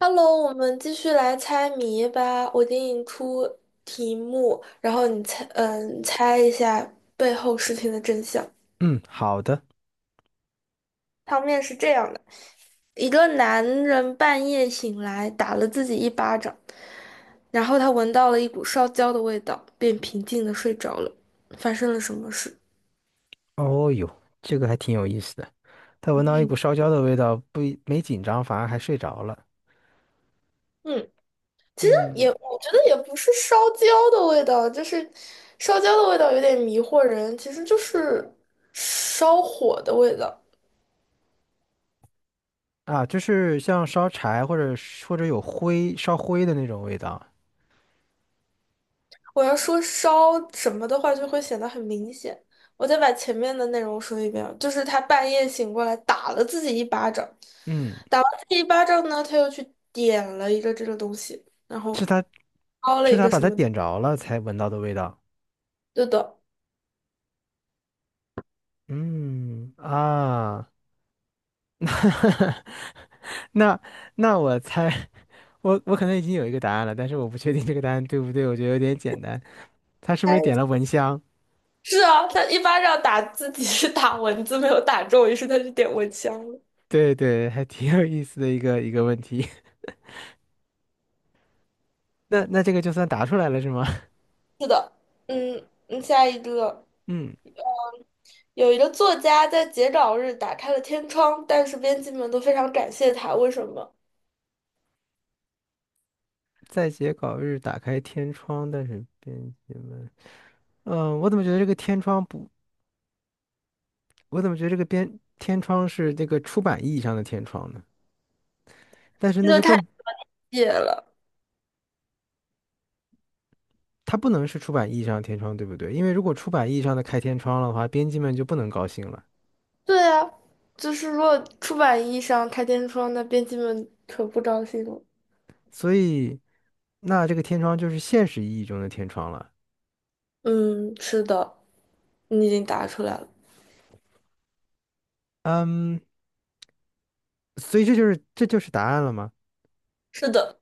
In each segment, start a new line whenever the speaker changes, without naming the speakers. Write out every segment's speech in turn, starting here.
Hello，我们继续来猜谜吧。我给你出题目，然后你猜，猜一下背后事情的真相。
嗯，好的。
汤面是这样的：一个男人半夜醒来，打了自己一巴掌，然后他闻到了一股烧焦的味道，便平静的睡着了。发生了什么事？
哦哟，这个还挺有意思的。他闻到一股烧焦的味道，不一没紧张，反而还睡着了。
嗯，其实也，
嗯，
我觉得也不是烧焦的味道，就是烧焦的味道有点迷惑人，其实就是烧火的味道。
啊，就是像烧柴或者是或者有灰烧灰的那种味道。
我要说烧什么的话，就会显得很明显。我再把前面的内容说一遍啊，就是他半夜醒过来打了自己一巴掌，
嗯，
打完自己一巴掌呢，他又去点了一个这个东西，然
是
后
他
烧了
是
一
他
个
把
什
它
么，
点着了才闻到的味道。
对的，
嗯啊，那那那我猜，我可能已经有一个答案了，但是我不确定这个答案对不对，我觉得有点简单。他是不是点了蚊香？
是啊，他一巴掌打自己是打蚊子没有打中，于是他就点蚊香了。
对对，还挺有意思的一个问题。那那这个就算答出来了是吗？
是的，嗯嗯，下一个。
嗯，
有一个作家在截稿日打开了天窗，但是编辑们都非常感谢他，为什么？
在截稿日打开天窗，但是编辑们，嗯、我怎么觉得这个天窗不，我怎么觉得这个编天窗是这个出版意义上的天窗呢？但是
这
那
就
就
太
更，
野了。
它不能是出版意义上的天窗，对不对？因为如果出版意义上的开天窗了的话，编辑们就不能高兴了。
对啊，就是如果出版意义上开天窗，那编辑们可不高兴了。
所以，那这个天窗就是现实意义中的天窗了。
嗯，是的，你已经答出来了。
嗯，所以这就是这就是答案了吗？
是的，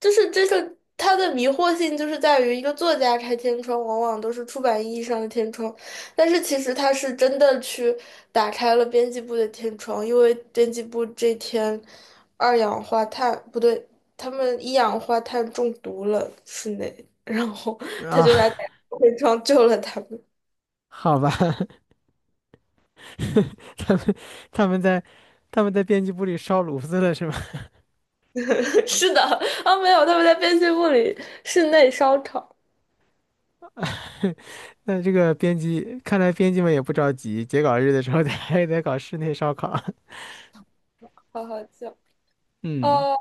就是这个它的迷惑性就是在于一个作家开天窗，往往都是出版意义上的天窗，但是其实他是真的去打开了编辑部的天窗，因为编辑部这天二氧化碳不对，他们一氧化碳中毒了室内，然后他就来
啊，
打开天窗救了他们。
好吧。他们他们在他们在编辑部里烧炉子了是吗？
是的，啊，没有，他们在编辑部里室内烧烤，
那这个编辑看来编辑们也不着急，截稿日的时候得还得搞室内烧烤。
好好笑。
嗯
哦，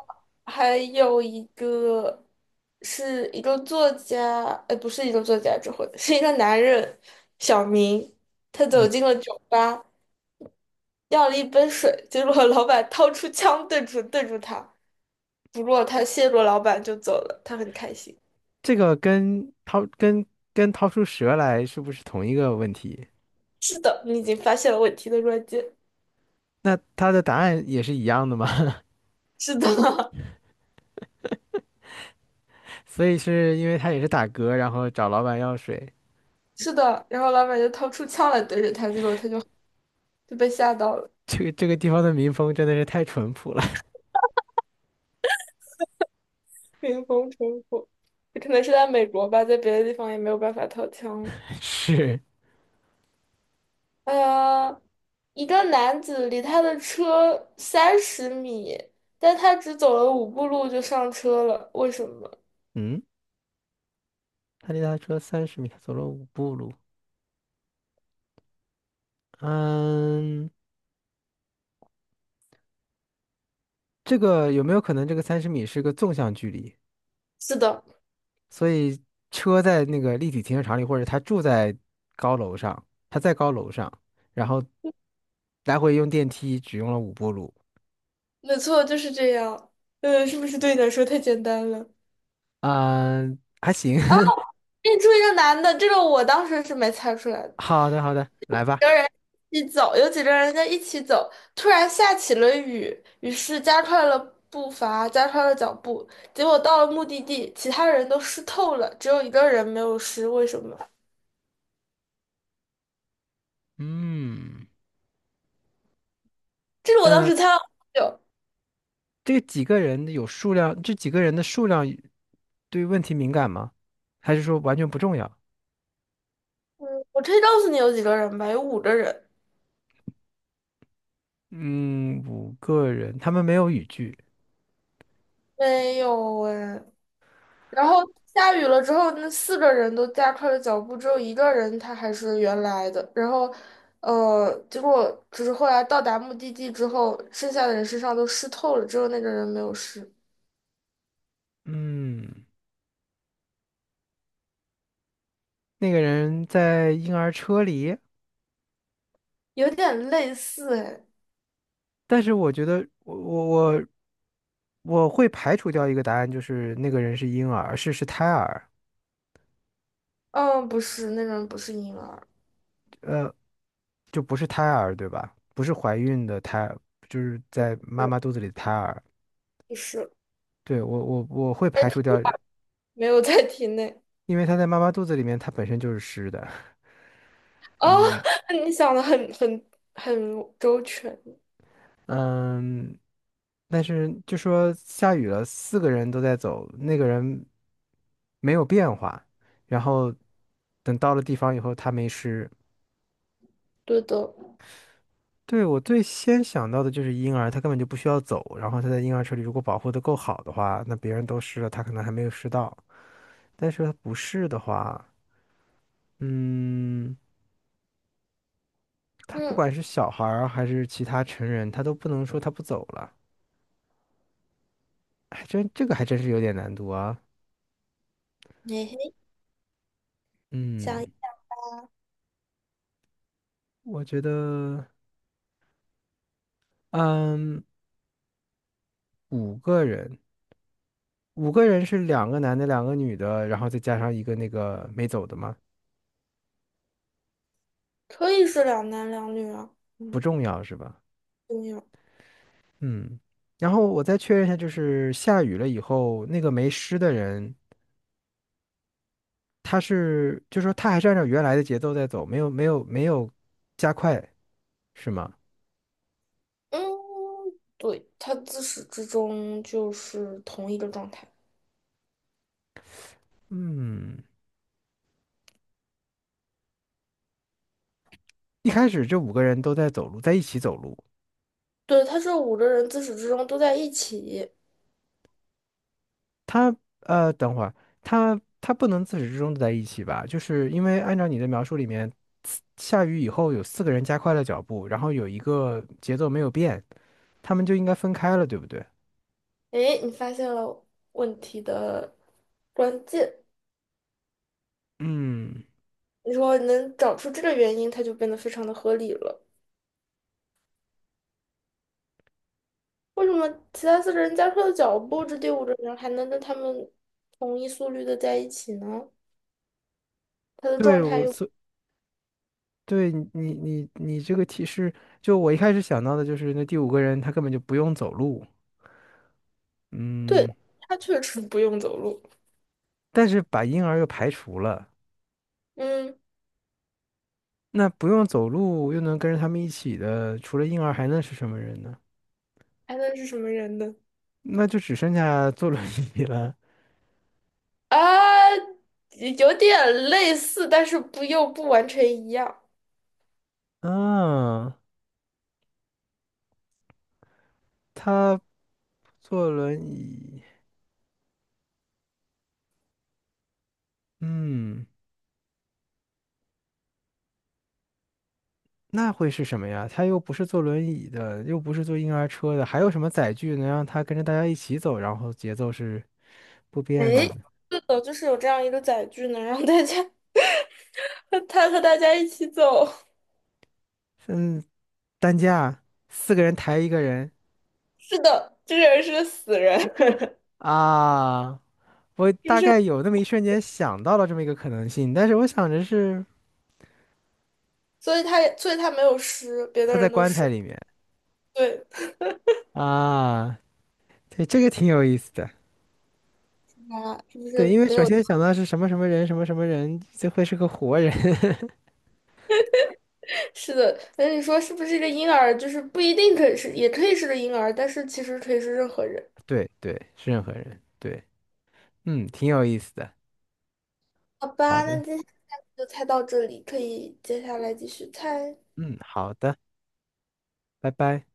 还有一个是一个作家，不是一个作家之后，这回是一个男人，小明，他走
嗯，
进了酒吧，要了一杯水，结果老板掏出枪对准对住他，不过他谢过老板就走了，他很开心。
这个跟掏跟跟掏出蛇来是不是同一个问题？
是的，你已经发现了问题的关键。
那他的答案也是一样的吗？
是的，
所以是因为他也是打嗝，然后找老板要水。
是的，然后老板就掏出枪来对着他，结果他就被吓到了。
这个地方的民风真的是太淳朴了。
冰封城府，可能是在美国吧，在别的地方也没有办法掏枪了。
是，
呃，一个男子离他的车30米，但他只走了五步路就上车了，为什么？
嗯，他离他车三十米，走了五步路。嗯。这个有没有可能这个三十米是个纵向距离？
是的，
所以车在那个立体停车场里，或者他住在高楼上，他在高楼上，然后来回用电梯只用了五步路。
没错，就是这样。是不是对你来说太简单了？
嗯、还行。
认出一个男的，这个我当时是没猜出来的。
好的，好的，来吧。
跟人一起走，有几个人在一起走，突然下起了雨，于是加快了步伐，加快了脚步，结果到了目的地，其他人都湿透了，只有一个人没有湿，为什么？
嗯，
这是我当
呃，
时猜了好久，
这几个人有数量，这几个人的数量对问题敏感吗？还是说完全不重要？
我可以告诉你有几个人吧，有五个人，
嗯，五个人，他们没有语句。
没有哎，然后下雨了之后，那四个人都加快了脚步，只有一个人他还是原来的。然后，结果只是后来到达目的地之后，剩下的人身上都湿透了，只有那个人没有湿，
嗯，那个人在婴儿车里。
有点类似哎。
但是我觉得我会排除掉一个答案，就是那个人是婴儿，是是胎儿，
嗯，不是，那个人不是婴儿，
呃，就不是胎儿，对吧？不是怀孕的胎，儿，就是在妈
对，
妈肚子里的胎儿。
不是，
对，我会排除掉，
没有在体内。
因为他在妈妈肚子里面，他本身就是湿的。
哦，
嗯
你想的很周全，
嗯，但是就说下雨了，四个人都在走，那个人没有变化，然后等到了地方以后，他没湿。
对的。
对，我最先想到的就是婴儿，他根本就不需要走，然后他在婴儿车里如果保护的够好的话，那别人都湿了，他可能还没有湿到。但是他不是的话，嗯，他不
嗯，
管是小孩儿还是其他成人，他都不能说他不走了，还真这个还真是有点难度啊。
嘿嘿，
嗯，
想
我觉得，嗯，五个人，五个人是2个男的，2个女的，然后再加上一个那个没走的吗？
可以是两男两女啊，
不
嗯，
重要是吧？
对呀。
嗯，然后我再确认一下，就是下雨了以后，那个没湿的人，他是，就说他还是按照原来的节奏在走，没有加快，是吗？
嗯，对，他自始至终就是同一个状态。
嗯，一开始这五个人都在走路，在一起走路。
对，他这五个人自始至终都在一起。
他呃，等会儿他不能自始至终都在一起吧？就是因为按照你的描述里面，下雨以后有四个人加快了脚步，然后有一个节奏没有变，他们就应该分开了，对不对？
诶，你发现了问题的关键。
嗯，
你说你能找出这个原因，他就变得非常的合理了。为什么其他四个人加快了脚步，这第五个人还能跟他们同一速率的在一起呢？他的状
对，
态
我
又
所对你，你这个提示，就我一开始想到的就是那第5个人他根本就不用走路，
对，
嗯，
他确实不用走路。
但是把婴儿又排除了，
嗯，
那不用走路又能跟着他们一起的，除了婴儿还能是什么人呢？
还能是什么人呢？
那就只剩下坐轮椅了。
啊，有点类似，但是不又不完全一样。
啊，他坐轮椅，嗯，那会是什么呀？他又不是坐轮椅的，又不是坐婴儿车的，还有什么载具能让他跟着大家一起走，然后节奏是不
哎，
变的呢？
是的，就是有这样一个载具，能让大家 他和大家一起走。
嗯，担架，四个人抬一个人
是的，这个人是个死人，
啊！我
就
大
是？
概有那么一瞬间想到了这么一个可能性，但是我想着是
所以他也，所以他没有尸，别的
他在
人都
棺材
尸。
里面
对，
啊，对，这个挺有意思的。
他是不
对，
是
因为
没
首
有？
先想到是什么什么人，什么什么人，这会是个活人。
是的，那你说是不是一个婴儿？就是不一定可以是，也可以是个婴儿，但是其实可以是任何人。
对对，是任何人。对，嗯，挺有意思的。
好
好
吧，那
的，
今天就猜到这里，可以接下来继续猜。
嗯，好的，拜拜。